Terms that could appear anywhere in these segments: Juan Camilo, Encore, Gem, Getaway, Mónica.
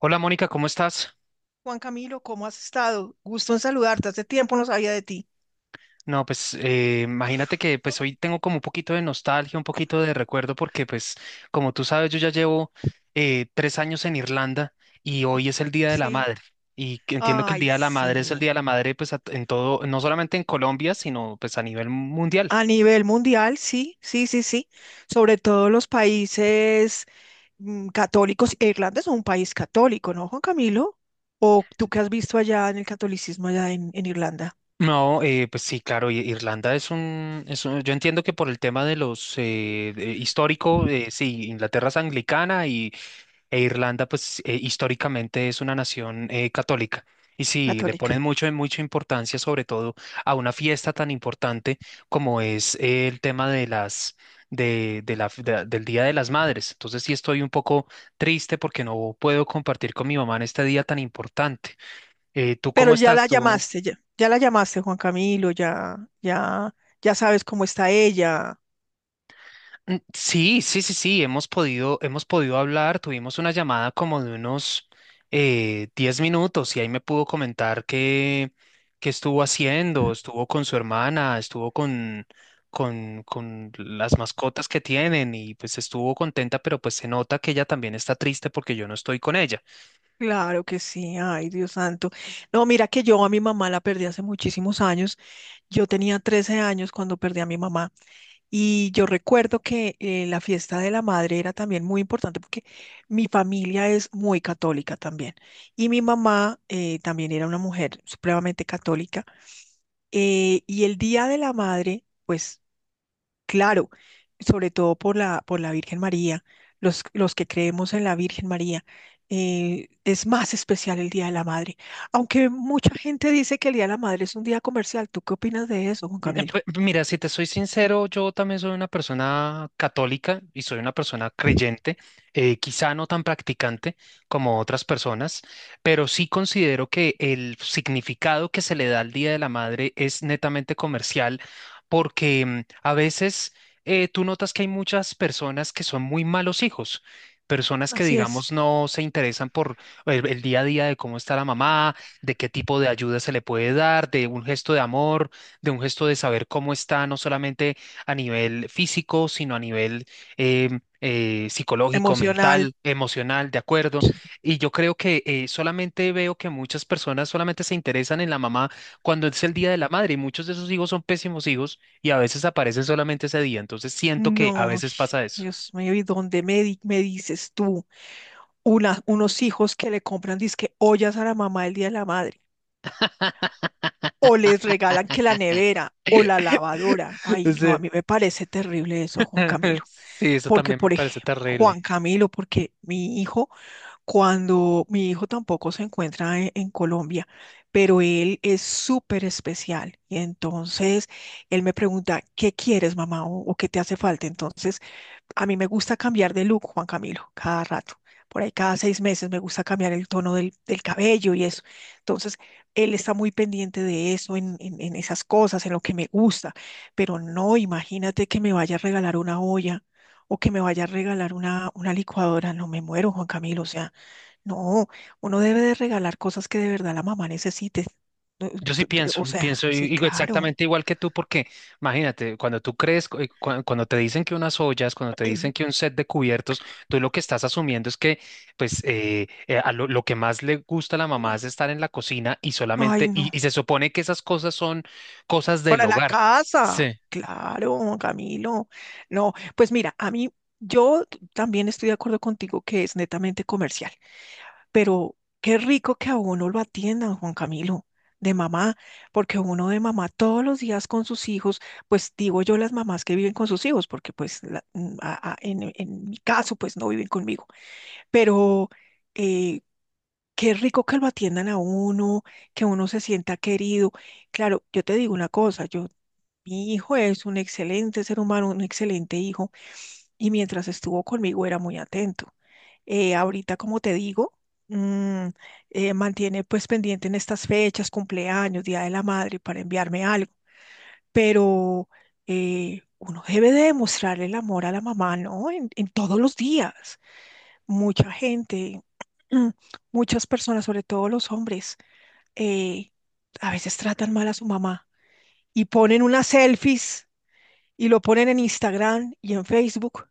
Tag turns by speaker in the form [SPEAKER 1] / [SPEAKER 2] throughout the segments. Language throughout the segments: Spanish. [SPEAKER 1] Hola Mónica, ¿cómo estás?
[SPEAKER 2] Juan Camilo, ¿cómo has estado? Gusto en saludarte. Hace tiempo no sabía de ti.
[SPEAKER 1] No, pues imagínate que pues hoy tengo como un poquito de nostalgia, un poquito de recuerdo, porque pues como tú sabes, yo ya llevo tres años en Irlanda y hoy es el Día de la
[SPEAKER 2] Sí.
[SPEAKER 1] Madre. Y que entiendo que el
[SPEAKER 2] Ay,
[SPEAKER 1] Día de la Madre es el
[SPEAKER 2] sí.
[SPEAKER 1] Día de la Madre pues en todo, no solamente en Colombia, sino pues a nivel mundial.
[SPEAKER 2] A nivel mundial, sí, sí, sí, sí. Sobre todo los países católicos. Irlanda es un país católico, ¿no, Juan Camilo? ¿O tú qué has visto allá en el catolicismo allá en Irlanda,
[SPEAKER 1] No, pues sí, claro, Irlanda es un, yo entiendo que por el tema de los histórico, sí, Inglaterra es anglicana. E Irlanda, pues históricamente es una nación católica. Y sí, le
[SPEAKER 2] católica?
[SPEAKER 1] ponen mucho, mucha importancia, sobre todo a una fiesta tan importante como es el tema de las, de la, de- del Día de las Madres. Entonces sí estoy un poco triste porque no puedo compartir con mi mamá en este día tan importante. ¿Tú
[SPEAKER 2] Pero
[SPEAKER 1] cómo
[SPEAKER 2] ya
[SPEAKER 1] estás?
[SPEAKER 2] la
[SPEAKER 1] Tú
[SPEAKER 2] llamaste, ya, ya la llamaste, Juan Camilo, ya, ya, ya sabes cómo está ella.
[SPEAKER 1] Sí, sí, sí, sí, hemos podido hablar, tuvimos una llamada como de unos 10 minutos y ahí me pudo comentar qué estuvo haciendo, estuvo con su hermana, estuvo con, con las mascotas que tienen y pues estuvo contenta, pero pues se nota que ella también está triste porque yo no estoy con ella.
[SPEAKER 2] Claro que sí, ay Dios santo. No, mira que yo a mi mamá la perdí hace muchísimos años. Yo tenía 13 años cuando perdí a mi mamá, y yo recuerdo que la fiesta de la madre era también muy importante porque mi familia es muy católica también, y mi mamá también era una mujer supremamente católica, y el día de la madre, pues claro, sobre todo por la Virgen María, los que creemos en la Virgen María, es más especial el Día de la Madre. Aunque mucha gente dice que el Día de la Madre es un día comercial, ¿tú qué opinas de eso, Juan Camilo?
[SPEAKER 1] Mira, si te soy sincero, yo también soy una persona católica y soy una persona creyente, quizá no tan practicante como otras personas, pero sí considero que el significado que se le da al Día de la Madre es netamente comercial, porque a veces tú notas que hay muchas personas que son muy malos hijos. Personas que,
[SPEAKER 2] Así es,
[SPEAKER 1] digamos, no se interesan por el día a día de cómo está la mamá, de qué tipo de ayuda se le puede dar, de un gesto de amor, de un gesto de saber cómo está, no solamente a nivel físico, sino a nivel psicológico,
[SPEAKER 2] emocional.
[SPEAKER 1] mental, emocional, de acuerdo.
[SPEAKER 2] Sí.
[SPEAKER 1] Y yo creo que solamente veo que muchas personas solamente se interesan en la mamá cuando es el día de la madre y muchos de esos hijos son pésimos hijos y a veces aparecen solamente ese día. Entonces siento que a
[SPEAKER 2] No, ay,
[SPEAKER 1] veces pasa eso.
[SPEAKER 2] Dios mío, ¿y dónde me, me dices tú? Unos hijos que le compran disque ollas a la mamá el Día de la Madre, o les regalan que la nevera o la lavadora. Ay, no, a
[SPEAKER 1] Sí,
[SPEAKER 2] mí me parece terrible eso, Juan Camilo,
[SPEAKER 1] sí, eso
[SPEAKER 2] porque
[SPEAKER 1] también me
[SPEAKER 2] por
[SPEAKER 1] parece
[SPEAKER 2] ejemplo, Juan
[SPEAKER 1] terrible.
[SPEAKER 2] Camilo, porque mi hijo, cuando mi hijo tampoco se encuentra en Colombia, pero él es súper especial, y entonces él me pregunta, ¿qué quieres, mamá? O qué te hace falta? Entonces, a mí me gusta cambiar de look, Juan Camilo, cada rato. Por ahí cada 6 meses me gusta cambiar el tono del cabello y eso. Entonces, él está muy pendiente de eso, en, en esas cosas, en lo que me gusta. Pero no, imagínate que me vaya a regalar una olla o que me vaya a regalar una licuadora. No me muero, Juan Camilo. O sea, no, uno debe de regalar cosas que de verdad la mamá necesite. No,
[SPEAKER 1] Yo sí pienso,
[SPEAKER 2] o sea, sí, claro.
[SPEAKER 1] exactamente igual que tú, porque imagínate, cuando tú cuando te dicen que unas ollas, cuando te dicen que un set de cubiertos, tú lo que estás asumiendo es que, pues, lo que más le gusta a la mamá es estar en la cocina y
[SPEAKER 2] Ay,
[SPEAKER 1] solamente,
[SPEAKER 2] no.
[SPEAKER 1] y se supone que esas cosas son cosas del
[SPEAKER 2] Para la
[SPEAKER 1] hogar.
[SPEAKER 2] casa.
[SPEAKER 1] Sí.
[SPEAKER 2] Claro, Camilo. No, pues mira, a mí yo también estoy de acuerdo contigo que es netamente comercial, pero qué rico que a uno lo atiendan, Juan Camilo, de mamá, porque uno de mamá todos los días con sus hijos, pues digo yo, las mamás que viven con sus hijos, porque pues en mi caso pues no viven conmigo, pero eh, qué rico que lo atiendan a uno, que uno se sienta querido. Claro, yo te digo una cosa, yo mi hijo es un excelente ser humano, un excelente hijo, y mientras estuvo conmigo era muy atento. Ahorita, como te digo, mm, mantiene pues pendiente en estas fechas, cumpleaños, Día de la Madre, para enviarme algo, pero uno debe de demostrar el amor a la mamá, ¿no? En todos los días. Mucha gente, mm, muchas personas, sobre todo los hombres, eh, a veces tratan mal a su mamá, y ponen unas selfies y lo ponen en Instagram y en Facebook,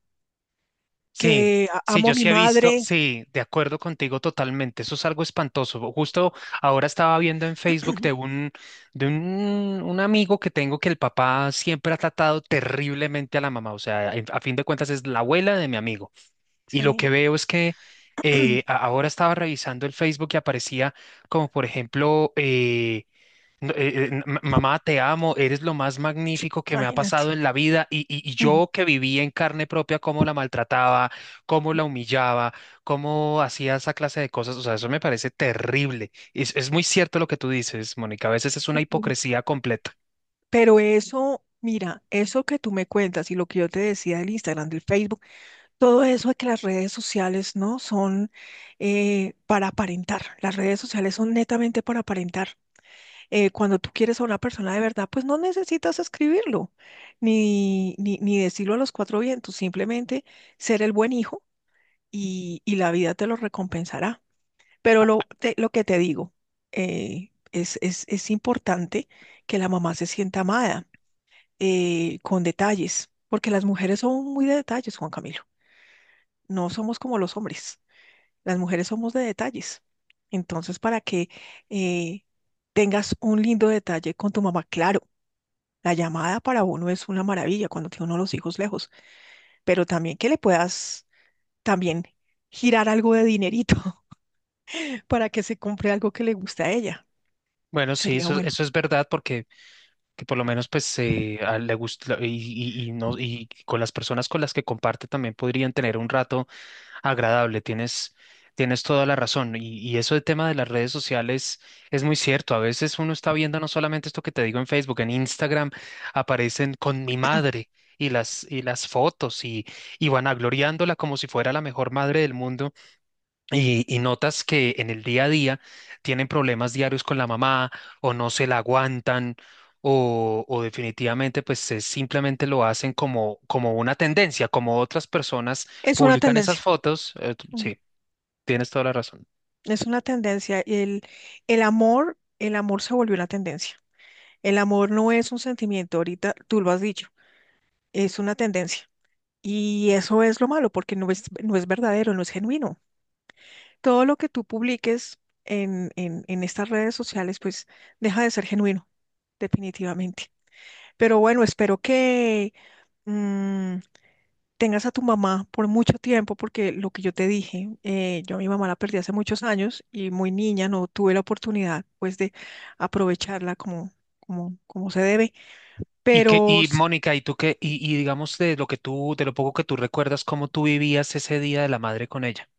[SPEAKER 1] Sí,
[SPEAKER 2] que
[SPEAKER 1] sí,
[SPEAKER 2] amo
[SPEAKER 1] yo
[SPEAKER 2] a mi
[SPEAKER 1] sí he visto,
[SPEAKER 2] madre.
[SPEAKER 1] sí, de acuerdo contigo totalmente, eso es algo espantoso. Justo ahora estaba viendo en Facebook de un amigo que tengo que el papá siempre ha tratado terriblemente a la mamá, o sea, a fin de cuentas es la abuela de mi amigo. Y lo que
[SPEAKER 2] Sí,
[SPEAKER 1] veo es que ahora estaba revisando el Facebook y aparecía como, por ejemplo, no, ma- mamá, te amo, eres lo más magnífico que me ha pasado
[SPEAKER 2] imagínate.
[SPEAKER 1] en la vida y yo que viví en carne propia cómo la maltrataba, cómo la humillaba, cómo hacía esa clase de cosas, o sea, eso me parece terrible. Es muy cierto lo que tú dices, Mónica, a veces es una
[SPEAKER 2] Ujú.
[SPEAKER 1] hipocresía completa.
[SPEAKER 2] Pero eso, mira, eso que tú me cuentas y lo que yo te decía del Instagram, del Facebook, todo eso de que las redes sociales no son para aparentar. Las redes sociales son netamente para aparentar. Cuando tú quieres a una persona de verdad, pues no necesitas escribirlo, ni decirlo a los cuatro vientos, simplemente ser el buen hijo y la vida te lo recompensará. Pero lo que te digo, es importante que la mamá se sienta amada, con detalles, porque las mujeres son muy de detalles, Juan Camilo, no somos como los hombres, las mujeres somos de detalles. Entonces, para que eh, tengas un lindo detalle con tu mamá, claro. La llamada para uno es una maravilla cuando tiene uno los hijos lejos, pero también que le puedas también girar algo de dinerito para que se compre algo que le guste a ella.
[SPEAKER 1] Bueno, sí,
[SPEAKER 2] Sería
[SPEAKER 1] eso,
[SPEAKER 2] bueno.
[SPEAKER 1] eso es verdad porque que por lo menos pues le gusta y no, y con las personas con las que comparte también podrían tener un rato agradable. Tienes toda la razón. Y eso del tema de las redes sociales es muy cierto. A veces uno está viendo no solamente esto que te digo en Facebook, en Instagram aparecen con mi madre y las fotos y vanagloriándola como si fuera la mejor madre del mundo. Y notas que en el día a día tienen problemas diarios con la mamá o no se la aguantan o definitivamente pues simplemente lo hacen como, como una tendencia, como otras personas
[SPEAKER 2] Es una
[SPEAKER 1] publican esas
[SPEAKER 2] tendencia.
[SPEAKER 1] fotos.
[SPEAKER 2] mm,
[SPEAKER 1] Sí, tienes toda la razón.
[SPEAKER 2] Es una tendencia. El amor se volvió una tendencia. El amor no es un sentimiento, ahorita tú lo has dicho, es una tendencia. Y eso es lo malo, porque no es verdadero, no es genuino. Todo lo que tú publiques en estas redes sociales, pues deja de ser genuino, definitivamente. Pero bueno, espero que mm, tengas a tu mamá por mucho tiempo, porque lo que yo te dije, yo a mi mamá la perdí hace muchos años, y muy niña no tuve la oportunidad pues de aprovecharla como, como se debe.
[SPEAKER 1] Y que,
[SPEAKER 2] Pero
[SPEAKER 1] y Mónica, ¿y tú qué? Y digamos de lo que tú, de lo poco que tú recuerdas, cómo tú vivías ese día de la madre con ella.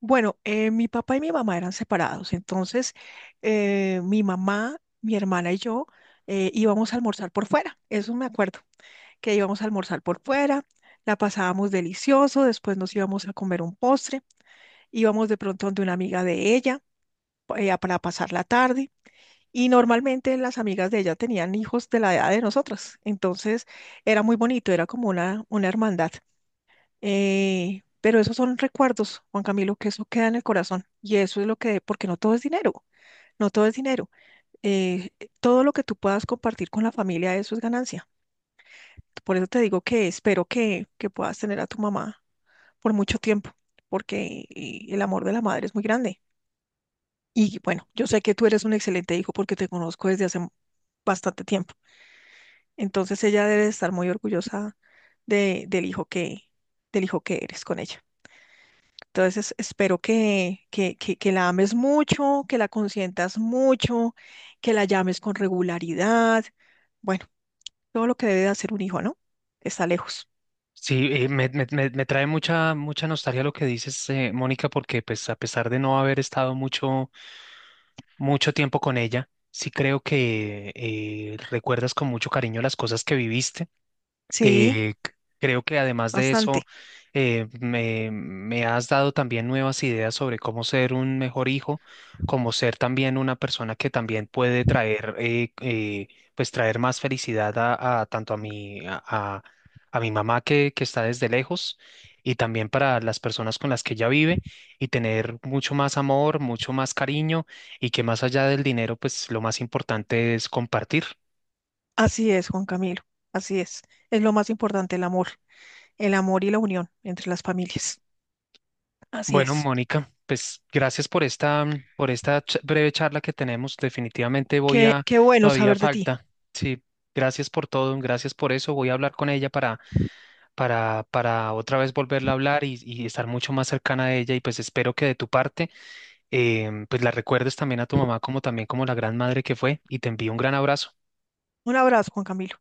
[SPEAKER 2] bueno, mi papá y mi mamá eran separados, entonces mi mamá, mi hermana y yo íbamos a almorzar por fuera, eso me acuerdo, que íbamos a almorzar por fuera, la pasábamos delicioso, después nos íbamos a comer un postre, íbamos de pronto donde una amiga de ella para pasar la tarde, y normalmente las amigas de ella tenían hijos de la edad de nosotras, entonces era muy bonito, era como una hermandad. Pero esos son recuerdos, Juan Camilo, que eso queda en el corazón. Y eso es lo que, porque no todo es dinero, no todo es dinero. Eh, Todo lo que tú puedas compartir con la familia, eso es ganancia. Por eso te digo que espero que puedas tener a tu mamá por mucho tiempo, porque el amor de la madre es muy grande. Y bueno, yo sé que tú eres un excelente hijo porque te conozco desde hace bastante tiempo. Entonces, ella debe estar muy orgullosa de, del hijo que eres con ella. Entonces, espero que la ames mucho, que la consientas mucho, que la llames con regularidad. Bueno, todo lo que debe de hacer un hijo, ¿no? Está lejos.
[SPEAKER 1] Sí, me trae mucha, mucha nostalgia lo que dices, Mónica, porque pues a pesar de no haber estado mucho mucho tiempo con ella. Sí creo que recuerdas con mucho cariño las cosas que viviste.
[SPEAKER 2] Sí,
[SPEAKER 1] Eh, c- creo que además de eso,
[SPEAKER 2] bastante.
[SPEAKER 1] me has dado también nuevas ideas sobre cómo ser un mejor hijo, cómo ser también una persona que también puede traer, pues traer más felicidad a tanto a mi mamá que está desde lejos y también para las personas con las que ella vive y tener mucho más amor, mucho más cariño y que más allá del dinero, pues lo más importante es compartir.
[SPEAKER 2] Así es, Juan Camilo. Así es. Es lo más importante, el amor. El amor y la unión entre las familias. Así
[SPEAKER 1] Bueno,
[SPEAKER 2] es.
[SPEAKER 1] Mónica, pues gracias por esta breve charla que tenemos. Definitivamente voy
[SPEAKER 2] Qué,
[SPEAKER 1] a,
[SPEAKER 2] qué bueno
[SPEAKER 1] todavía
[SPEAKER 2] saber de ti.
[SPEAKER 1] falta. Sí, gracias por todo, gracias por eso. Voy a hablar con ella para otra vez volverla a hablar y estar mucho más cercana a ella. Y pues espero que de tu parte, pues la recuerdes también a tu mamá como también como la gran madre que fue. Y te envío un gran abrazo.
[SPEAKER 2] Un abrazo, Juan Camilo.